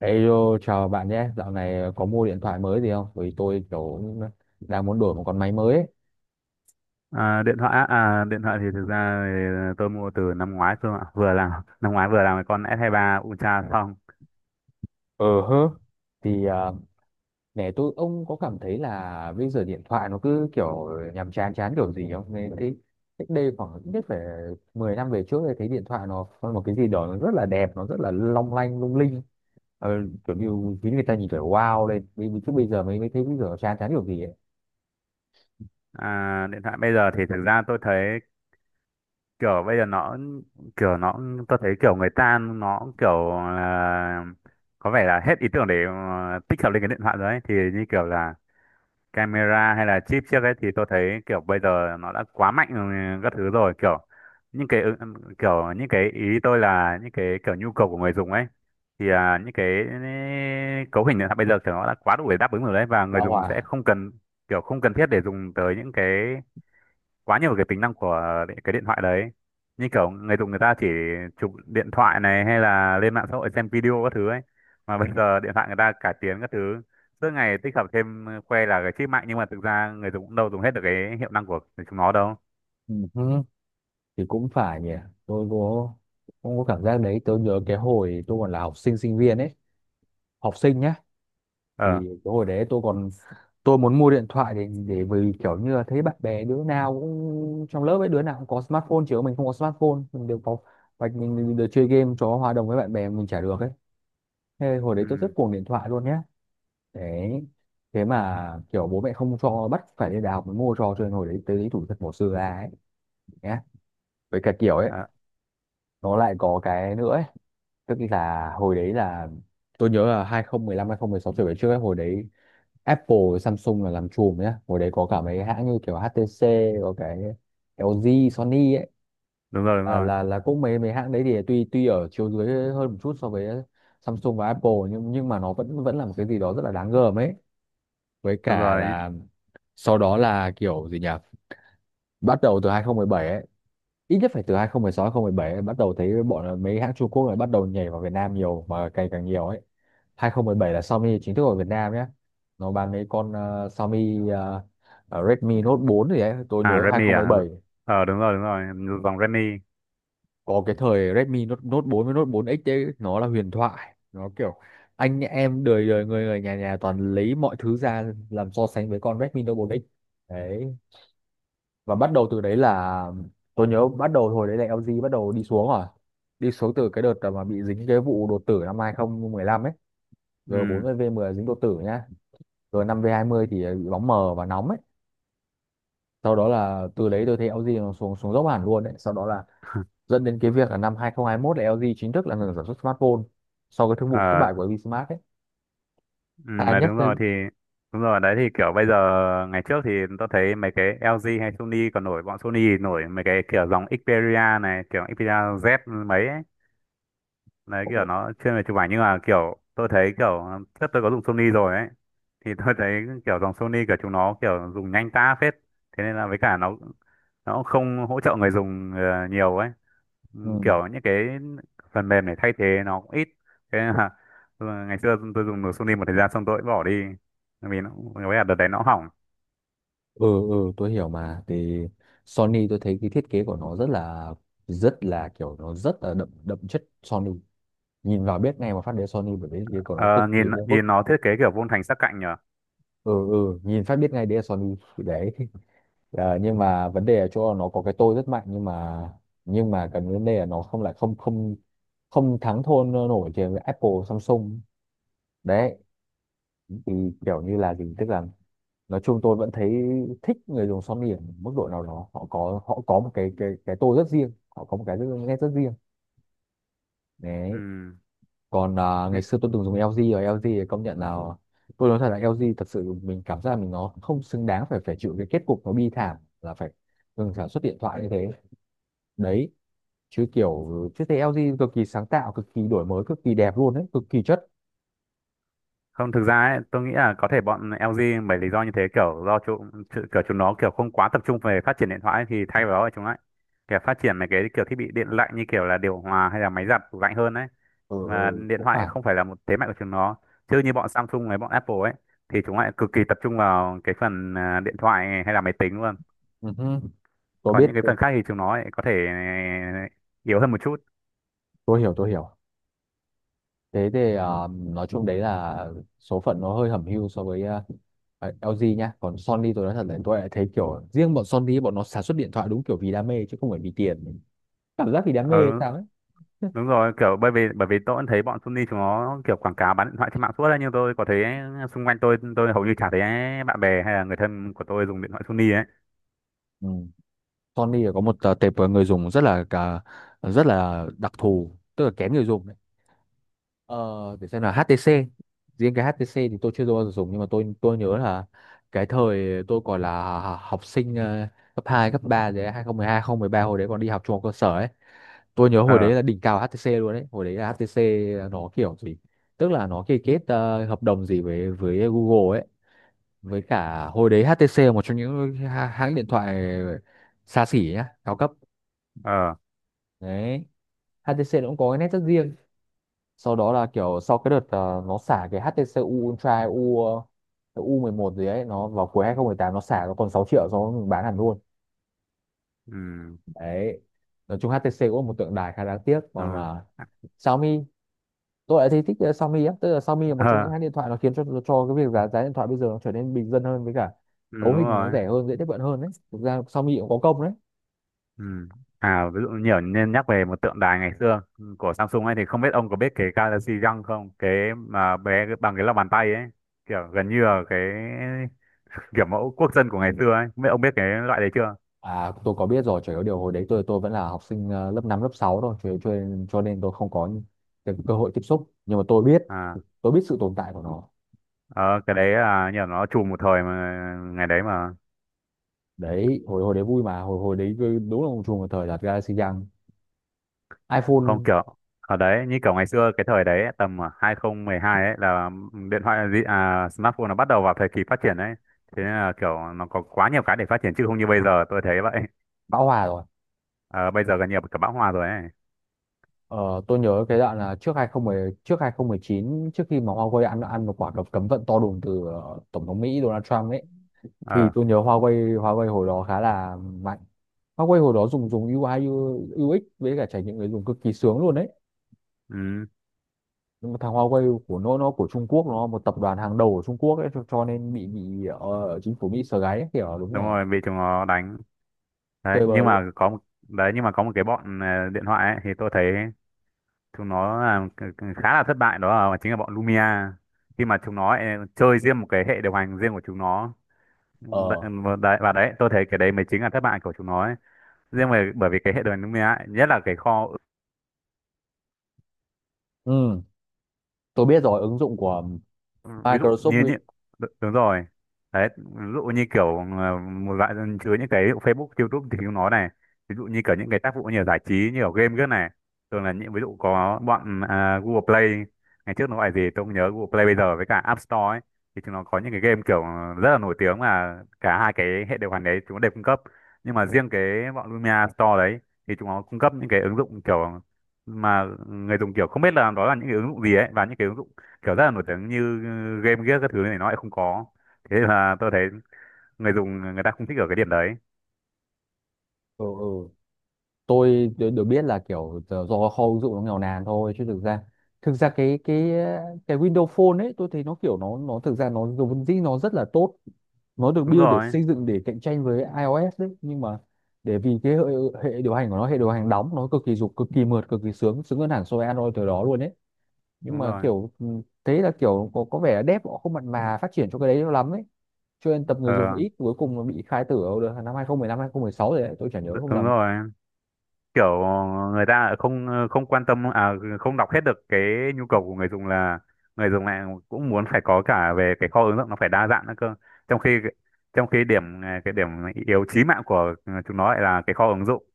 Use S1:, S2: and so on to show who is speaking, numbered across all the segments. S1: Hello, chào bạn nhé. Dạo này có mua điện thoại mới gì không? Bởi vì tôi kiểu cũng đang muốn đổi một con máy mới ấy.
S2: Điện thoại á, điện thoại thì thực ra tôi mua từ năm ngoái cơ ạ, vừa làm năm ngoái vừa làm cái con S23 Ultra xong.
S1: Ờ hơ. Thì nè tôi ông có cảm thấy là bây giờ điện thoại nó cứ kiểu nhàm chán chán kiểu gì không? Nên thấy cách đây khoảng ít nhất phải 10 năm về trước thì thấy điện thoại nó có một cái gì đó nó rất là đẹp, nó rất là long lanh lung linh. Ờ, kiểu như khiến người ta nhìn phải wow lên. Vì- vì Chứ bây giờ mới mới thấy bây giờ chán chán kiểu gì ấy.
S2: Điện thoại bây giờ thì thực ra tôi thấy kiểu bây giờ nó tôi thấy kiểu người ta nó kiểu là có vẻ là hết ý tưởng để tích hợp lên cái điện thoại rồi ấy. Thì như kiểu là camera hay là chip trước ấy thì tôi thấy kiểu bây giờ nó đã quá mạnh, ừ, các thứ rồi, kiểu những cái, ừ, kiểu những cái ý tôi là những cái kiểu nhu cầu của người dùng ấy, thì những cái cấu hình này bây giờ kiểu nó đã quá đủ để đáp ứng rồi đấy, và người
S1: Bão
S2: dùng
S1: hòa.
S2: sẽ không cần kiểu không cần thiết để dùng tới những cái quá nhiều cái tính năng của cái điện thoại đấy, như kiểu người dùng người ta chỉ chụp điện thoại này hay là lên mạng xã hội xem video các thứ ấy, mà bây giờ điện thoại người ta cải tiến các thứ, suốt ngày tích hợp thêm, khoe là cái chip mạnh nhưng mà thực ra người dùng cũng đâu dùng hết được cái hiệu năng của chúng nó đâu.
S1: Ừ. Thì cũng phải nhỉ. Tôi có Cũng có cảm giác đấy. Tôi nhớ cái hồi tôi còn là học sinh sinh viên ấy, học sinh nhá. Thì
S2: Ờ.
S1: cái hồi đấy tôi muốn mua điện thoại để vì kiểu như là thấy bạn bè đứa nào cũng trong lớp ấy, đứa nào cũng có smartphone chứ mình không có smartphone, mình đều có và mình được chơi game cho hòa đồng với bạn bè, mình chả được ấy. Thế hồi đấy tôi rất
S2: Ừ.
S1: cuồng điện thoại luôn nhá. Đấy thế mà kiểu bố mẹ không cho, bắt phải đi đại học mới mua cho nên hồi đấy tới lý thủ thật bỏ xưa ra ấy nhá. Với cả kiểu ấy,
S2: Ờ,
S1: nó lại có cái nữa ấy. Tức là hồi đấy là tôi nhớ là 2015 sáu trở về trước ấy, hồi đấy Apple với Samsung là làm chùm nhá. Hồi đấy có cả mấy hãng như kiểu HTC, có cái LG, Sony ấy,
S2: đúng rồi, đúng
S1: là
S2: rồi.
S1: là là cũng mấy mấy hãng đấy thì tuy tuy ở chiều dưới hơn một chút so với Samsung và Apple, nhưng mà nó vẫn vẫn là một cái gì đó rất là đáng gờm ấy. Với
S2: Đúng
S1: cả
S2: rồi.
S1: là sau đó là kiểu gì nhỉ? Bắt đầu từ 2017 ấy, ít nhất phải từ 2016 2017 em bắt đầu thấy bọn mấy hãng Trung Quốc này bắt đầu nhảy vào Việt Nam nhiều mà càng càng nhiều ấy. 2017 là Xiaomi chính thức ở Việt Nam nhé. Nó bán mấy con Xiaomi Redmi Note 4 gì đấy tôi nhớ
S2: À, Redmi à?
S1: 2017.
S2: Ờ, đúng rồi, đúng rồi, dòng Redmi.
S1: Có cái thời Redmi Note, Note 4 với Note 4X đấy nó là huyền thoại, nó kiểu anh em đời đời người người nhà nhà toàn lấy mọi thứ ra làm so sánh với con Redmi Note 4X. Đấy, và bắt đầu từ đấy là tôi nhớ bắt đầu hồi đấy là LG bắt đầu đi xuống rồi, đi xuống từ cái đợt mà bị dính cái vụ đột tử năm 2015 ấy.
S2: Ừ.
S1: G40 V10 dính đột tử nhá, G5 v mươi thì bị bóng mờ và nóng ấy. Sau đó là từ đấy tôi thấy LG nó xuống xuống dốc hẳn luôn. Đấy sau đó là dẫn đến cái việc là năm 2021 là LG chính thức là ngừng sản xuất smartphone sau cái thương vụ thất
S2: Ờ.
S1: bại của LG Smart ấy.
S2: Ừ,
S1: À
S2: mà
S1: nhắc
S2: đúng
S1: tới
S2: rồi thì đúng rồi đấy, thì kiểu bây giờ ngày trước thì tôi thấy mấy cái LG hay Sony còn nổi, bọn Sony thì nổi mấy cái kiểu dòng Xperia này, kiểu Xperia Z mấy ấy, đấy kiểu nó chuyên về chụp ảnh nhưng mà kiểu tôi thấy kiểu trước tôi có dùng Sony rồi ấy, thì tôi thấy kiểu dòng Sony kiểu chúng nó kiểu dùng nhanh ta phết, thế nên là với cả nó cũng không hỗ trợ người dùng, nhiều ấy. Ừ,
S1: Ừ.
S2: kiểu những cái phần mềm để thay thế nó cũng ít, thế nên là ừ, ngày xưa tôi dùng được Sony một thời gian xong tôi cũng bỏ đi. Bởi vì nó với cả đợt đấy nó hỏng.
S1: Ừ ừ, tôi hiểu mà. Thì Sony tôi thấy cái thiết kế của nó rất là kiểu nó rất là đậm đậm chất Sony, nhìn vào biết ngay mà phát đến Sony bởi vì thiết kế của nó
S2: Ờ,
S1: cực kỳ
S2: nhìn
S1: vuông vức.
S2: nhìn nó thiết kế kiểu vuông thành sắc cạnh nhở.
S1: Ừ ừ, nhìn phát biết ngay đấy là Sony đấy. Nhưng mà vấn đề ở chỗ là nó có cái tôi rất mạnh, nhưng mà cái vấn đề là nó không lại không không không thắng thôn nổi trên Apple Samsung. Đấy thì kiểu như là gì, tức là nói chung tôi vẫn thấy thích người dùng Sony ở mức độ nào đó, họ có một cái cái tôi rất riêng, họ có một nét rất riêng. Đấy, còn ngày
S2: Ừ.
S1: xưa tôi từng dùng LG rồi, LG thì công nhận là tôi nói thật là LG thật sự mình cảm giác là mình nó không xứng đáng phải phải chịu cái kết cục nó bi thảm là phải ngừng sản xuất điện thoại như thế. Đấy chứ kiểu chứ thấy LG cực kỳ sáng tạo, cực kỳ đổi mới, cực kỳ đẹp luôn đấy, cực kỳ chất.
S2: Không, thực ra ấy, tôi nghĩ là có thể bọn LG bởi lý do như thế, kiểu do kiểu chúng nó kiểu không quá tập trung về phát triển điện thoại ấy, thì thay vào đó là chúng lại kiểu phát triển mấy cái kiểu thiết bị điện lạnh như kiểu là điều hòa hay là máy giặt tủ lạnh hơn đấy.
S1: Ừ,
S2: Và
S1: ừ,
S2: điện
S1: cũng
S2: thoại
S1: phải.
S2: không phải là một thế mạnh của chúng nó. Chứ như bọn Samsung với bọn Apple ấy thì chúng lại cực kỳ tập trung vào cái phần điện thoại hay là máy tính luôn.
S1: Ừ tôi
S2: Còn
S1: biết.
S2: những cái
S1: tôi
S2: phần khác thì chúng nó lại có thể, yếu hơn một chút.
S1: tôi hiểu, tôi hiểu. Thế thì nói chung đấy là số phận nó hơi hẩm hiu so với LG nhá. Còn Sony tôi nói thật là tôi lại thấy kiểu riêng bọn Sony, bọn nó sản xuất điện thoại đúng kiểu vì đam mê chứ không phải vì tiền, cảm giác vì đam mê hay
S2: Ờ,
S1: sao ấy.
S2: đúng rồi, kiểu bởi vì tôi cũng thấy bọn Sony chúng nó kiểu quảng cáo bán điện thoại trên mạng suốt đấy nhưng tôi có thấy xung quanh tôi hầu như chả thấy bạn bè hay là người thân của tôi dùng điện thoại Sony ấy.
S1: Ừ. Sony có một tệp người dùng rất là đặc thù, tức là kén người dùng đấy. Ờ, để xem là HTC, riêng cái HTC thì tôi chưa bao giờ dùng nhưng mà tôi nhớ là cái thời tôi còn là học sinh cấp 2 cấp 3 đấy, 2012, 2013 hồi đấy còn đi học trung học cơ sở ấy. Tôi nhớ hồi
S2: Ờ.
S1: đấy là đỉnh cao HTC luôn đấy, hồi đấy là HTC nó kiểu gì, tức là nó ký kết hợp đồng gì với Google ấy. Với cả hồi đấy HTC là một trong những hãng điện thoại xa xỉ nhá, cao cấp.
S2: Ờ.
S1: Đấy, HTC nó cũng có cái nét rất riêng. Sau đó là kiểu sau cái đợt nó xả cái HTC U Ultra, U11 gì ấy nó vào cuối 2018, nó xả nó còn 6 triệu, sau đó mình bán hẳn luôn.
S2: Ừ.
S1: Đấy, nói chung HTC cũng là một tượng đài khá đáng tiếc. Còn
S2: Ờ.
S1: Xiaomi, tôi lại thấy thích Xiaomi á, tức là Xiaomi là một trong những
S2: Ờ,
S1: hãng điện thoại nó khiến cho cái việc giá giá điện thoại bây giờ nó trở nên bình dân hơn, với cả
S2: ừ,
S1: cấu
S2: đúng
S1: hình nó
S2: rồi.
S1: rẻ hơn, dễ tiếp cận hơn. Đấy, thực ra Xiaomi cũng có công đấy.
S2: Ừ. À, ví dụ nhiều nên nhắc về một tượng đài ngày xưa của Samsung ấy, thì không biết ông có biết cái Galaxy Young không, cái mà bé bằng cái lòng bàn tay ấy, kiểu gần như là cái kiểu mẫu quốc dân của ngày xưa ấy, không biết ông biết cái loại đấy chưa?
S1: Tôi có biết rồi, chỉ có điều hồi đấy tôi vẫn là học sinh lớp 5 lớp 6 thôi, cho nên tôi không có những cái cơ hội tiếp xúc, nhưng mà
S2: À.
S1: tôi biết sự tồn tại của nó.
S2: Ờ, cái đấy là nhờ nó trùm một thời mà, ngày đấy mà.
S1: Đấy hồi hồi đấy vui mà, hồi hồi đấy đúng là một chùm một thời là Galaxy Young,
S2: Không
S1: iPhone.
S2: kiểu ở đấy như kiểu ngày xưa cái thời đấy ấy, tầm 2012 ấy, là điện thoại gì, smartphone nó bắt đầu vào thời kỳ phát triển đấy, thế nên là kiểu nó có quá nhiều cái để phát triển chứ không như bây giờ tôi thấy vậy.
S1: Bão hòa rồi.
S2: Ờ, bây giờ gần như là cả bão hòa rồi ấy.
S1: Ờ, tôi nhớ cái đoạn là trước 2010, trước 2019 trước khi mà Huawei ăn ăn một quả cấm cấm vận to đùng từ tổng thống Mỹ Donald Trump ấy. Thì
S2: Ờ.
S1: tôi nhớ Huawei Huawei hồi đó khá là mạnh. Huawei hồi đó dùng dùng UI UX với cả trải nghiệm người dùng cực kỳ sướng luôn đấy.
S2: Ừ,
S1: Nhưng mà thằng Huawei của nó của Trung Quốc, nó một tập đoàn hàng đầu của Trung Quốc ấy, cho nên bị chính phủ Mỹ sờ gáy ấy, kiểu đúng
S2: đúng
S1: rồi,
S2: rồi, bị chúng nó đánh đấy.
S1: chơi bời
S2: Nhưng
S1: luôn.
S2: mà có một đấy, nhưng mà có một cái bọn, điện thoại ấy, thì tôi thấy chúng nó là khá là thất bại, đó là chính là bọn Lumia, khi mà chúng nó chơi riêng một cái hệ điều hành riêng của chúng nó. Ừ,
S1: Ờ
S2: và đấy tôi thấy cái đấy mới chính là thất bại của chúng nó ấy. Riêng về bởi vì cái hệ điều hành Lumia ấy, nhất là cái kho.
S1: ừ, tôi biết rồi, ứng dụng của
S2: Ừ, ví dụ
S1: Microsoft
S2: như
S1: Win.
S2: những, đúng rồi. Đấy, ví dụ như kiểu, một loại dân chứa những cái Facebook, YouTube thì chúng nó này, ví dụ như kiểu những cái tác vụ như là giải trí như ở game cái này, thường là những ví dụ có bọn, Google Play, ngày trước nó gọi gì tôi không nhớ, Google Play bây giờ với cả App Store ấy, thì chúng nó có những cái game kiểu rất là nổi tiếng mà cả hai cái hệ điều hành đấy chúng nó đều cung cấp, nhưng mà riêng cái bọn Lumia Store đấy thì chúng nó cung cấp những cái ứng dụng kiểu mà người dùng kiểu không biết là đó là những cái ứng dụng gì ấy, và những cái ứng dụng kiểu rất là nổi tiếng như game gear các thứ này nó lại không có, thế là tôi thấy người dùng người ta không thích ở cái điểm đấy.
S1: Ừ, ừ. tôi được Được biết là kiểu giờ do kho ứng dụng nó nghèo nàn thôi, chứ thực ra cái Windows Phone ấy tôi thấy nó kiểu nó thực ra nó vốn dĩ nó rất là tốt. Nó được
S2: Đúng
S1: build để
S2: rồi,
S1: xây dựng để cạnh tranh với iOS đấy, nhưng mà để vì cái hệ điều hành của nó, hệ điều hành đóng nó cực kỳ dục, cực kỳ mượt, cực kỳ sướng sướng hơn hẳn so với Android từ đó luôn ấy. Nhưng
S2: đúng
S1: mà
S2: rồi.
S1: kiểu thế là kiểu có vẻ là dev họ không mặn mà phát triển cho cái đấy cho lắm ấy, cho nên tập người dùng
S2: Ờ.
S1: ít, cuối cùng nó bị khai tử ở năm 2015 2016 rồi đấy tôi chả nhớ không
S2: Đúng
S1: lầm.
S2: rồi, kiểu người ta không không quan tâm, không đọc hết được cái nhu cầu của người dùng là người dùng này cũng muốn phải có cả về cái kho ứng dụng nó phải đa dạng nữa cơ, trong khi trong khi điểm, cái điểm yếu chí mạng của, ừ, chúng nó lại là cái kho ứng dụng.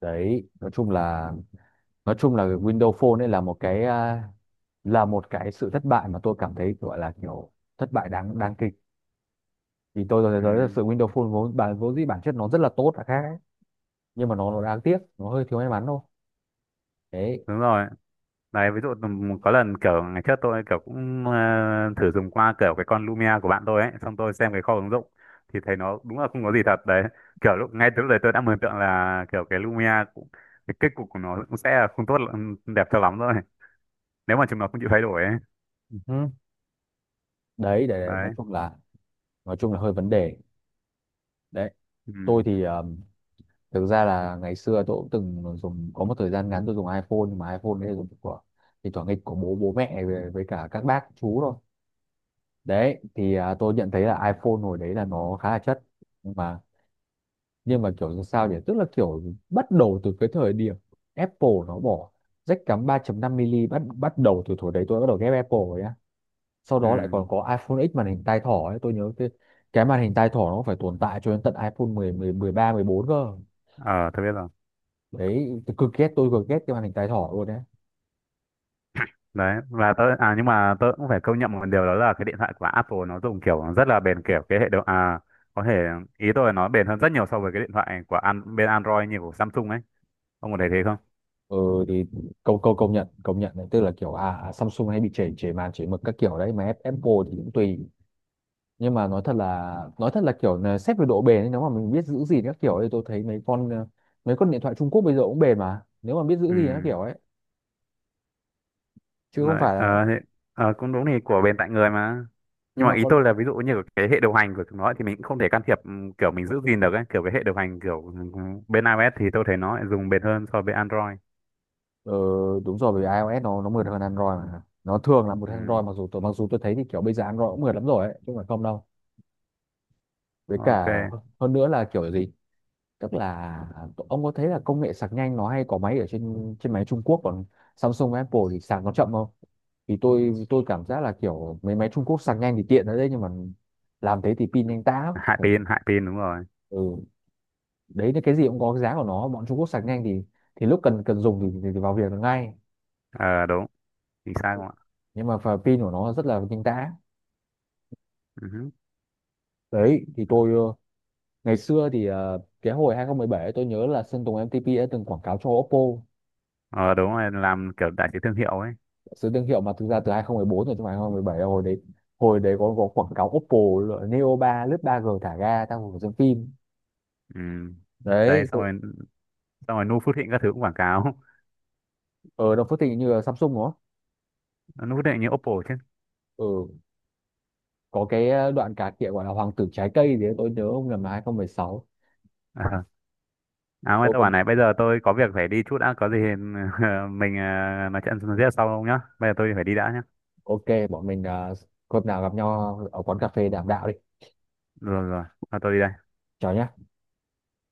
S1: Đấy, nói chung là Windows Phone ấy là là một cái sự thất bại mà tôi cảm thấy gọi là kiểu thất bại đáng đáng kịch, thì tôi
S2: Ừ,
S1: thấy tới sự Windows Phone vốn dĩ bản chất nó rất là tốt là khác ấy. Nhưng mà nó đáng tiếc, nó hơi thiếu may mắn thôi. Đấy.
S2: đúng rồi. Đấy, ví dụ có lần kiểu ngày trước tôi kiểu cũng, thử dùng qua kiểu cái con Lumia của bạn tôi ấy, xong tôi xem cái kho ứng dụng thì thấy nó đúng là không có gì thật đấy. Kiểu lúc ngay từ lúc đấy tôi đã mường tượng là kiểu cái Lumia cũng cái kết cục của nó cũng sẽ là không tốt đẹp cho lắm rồi. Nếu mà chúng nó không chịu thay đổi ấy.
S1: Ừ. Đấy đấy, đấy.
S2: Đấy.
S1: Nói chung là hơi vấn đề đấy. Tôi
S2: Ừ.
S1: thì thực ra là ngày xưa tôi cũng từng dùng có một thời gian ngắn tôi dùng iPhone, nhưng mà iPhone đấy là dùng của thì thoảng nghịch của bố bố mẹ với cả các bác chú thôi. Đấy thì tôi nhận thấy là iPhone hồi đấy là nó khá là chất, nhưng mà kiểu làm sao nhỉ, tức là kiểu bắt đầu từ cái thời điểm Apple nó bỏ jack cắm 3.5 mm, bắt bắt đầu từ thời đấy tôi bắt đầu ghét Apple rồi á. Sau đó lại
S2: Ừ.
S1: còn có iPhone X màn hình tai thỏ ấy, tôi nhớ cái màn hình tai thỏ nó phải tồn tại cho đến tận iPhone mười mười 13 14 cơ.
S2: Ờ, tôi biết rồi.
S1: Đấy, tôi cực ghét, tôi cực ghét cái màn hình tai thỏ luôn đấy.
S2: Đấy, và tớ, nhưng mà tớ cũng phải công nhận một điều, đó là cái điện thoại của Apple nó dùng kiểu rất là bền, kiểu cái hệ điều, có thể ý tôi là nó bền hơn rất nhiều so với cái điện thoại của bên Android như của Samsung ấy, ông có thấy thế không?
S1: Ừ thì câu câu công nhận, đấy tức là kiểu Samsung hay bị chảy chảy màn, chảy mực các kiểu đấy, mà Apple thì cũng tùy. Nhưng mà nói thật là kiểu là xét về độ bền ấy, nếu mà mình biết giữ gìn các kiểu thì tôi thấy mấy con điện thoại Trung Quốc bây giờ cũng bền mà nếu mà biết giữ gìn các
S2: Ừ.
S1: kiểu ấy, chứ không
S2: Đấy,
S1: phải là
S2: cũng đúng thì của bên tại người mà,
S1: nhưng
S2: nhưng mà
S1: mà
S2: ý
S1: con
S2: tôi là ví dụ như cái hệ điều hành của chúng nó thì mình cũng không thể can thiệp, ừ, kiểu mình giữ gìn được ấy, kiểu cái hệ điều hành kiểu, ừ, bên iOS thì tôi thấy nó lại dùng bền hơn so với Android.
S1: ờ, đúng rồi, bởi vì iOS nó mượt hơn Android mà nó thường là một
S2: Ừ.
S1: Android, mặc dù tôi thấy thì kiểu bây giờ Android cũng mượt lắm rồi ấy chứ không phải không đâu. Với cả
S2: OK.
S1: hơn nữa là kiểu gì, tức là ông có thấy là công nghệ sạc nhanh nó hay có máy ở trên trên máy Trung Quốc còn Samsung và Apple thì sạc nó chậm không? Thì tôi cảm giác là kiểu mấy máy Trung Quốc sạc nhanh thì tiện ở đấy, nhưng mà làm thế thì pin nhanh tá
S2: Hại
S1: lắm.
S2: pin, hại pin, đúng rồi.
S1: Ừ, đấy là cái gì cũng có cái giá của nó, bọn Trung Quốc sạc nhanh thì lúc cần cần dùng thì vào việc được ngay,
S2: Ờ, đúng, chính xác không ạ.
S1: nhưng mà và pin của nó rất là nhanh tá.
S2: Ừ.
S1: Đấy thì tôi ngày xưa thì cái hồi 2017 tôi nhớ là Sơn Tùng MTP đã từng quảng cáo cho Oppo.
S2: Ờ, đúng rồi, làm kiểu đại sứ thương hiệu ấy.
S1: Sự thương hiệu mà thực ra từ 2014 rồi chứ không phải 2017 đâu. Hồi đấy có quảng cáo Oppo là Neo 3 lướt 3G thả ga trong một xem phim.
S2: Ừ. Đấy,
S1: Đấy
S2: xong rồi, xong rồi Nu Phước Thịnh các thứ cũng quảng cáo.
S1: ở Đồng Phước Thịnh như là Samsung đúng không?
S2: Nu Phước Thịnh như Oppo chứ.
S1: Ừ, có cái đoạn cà khịa gọi là Hoàng tử trái cây thì tôi nhớ không nhầm là 2016.
S2: Ờ. À mà
S1: Tôi
S2: tôi bảo
S1: còn
S2: này, bây giờ tôi có việc phải đi chút đã có gì mình, nói chuyện tiếp sau nhá, bây giờ tôi phải đi đã nhá.
S1: ok bọn mình hôm nào gặp nhau ở quán cà phê đàm đạo đi.
S2: Rồi, rồi. Thôi tôi đi đây.
S1: Chào nhá.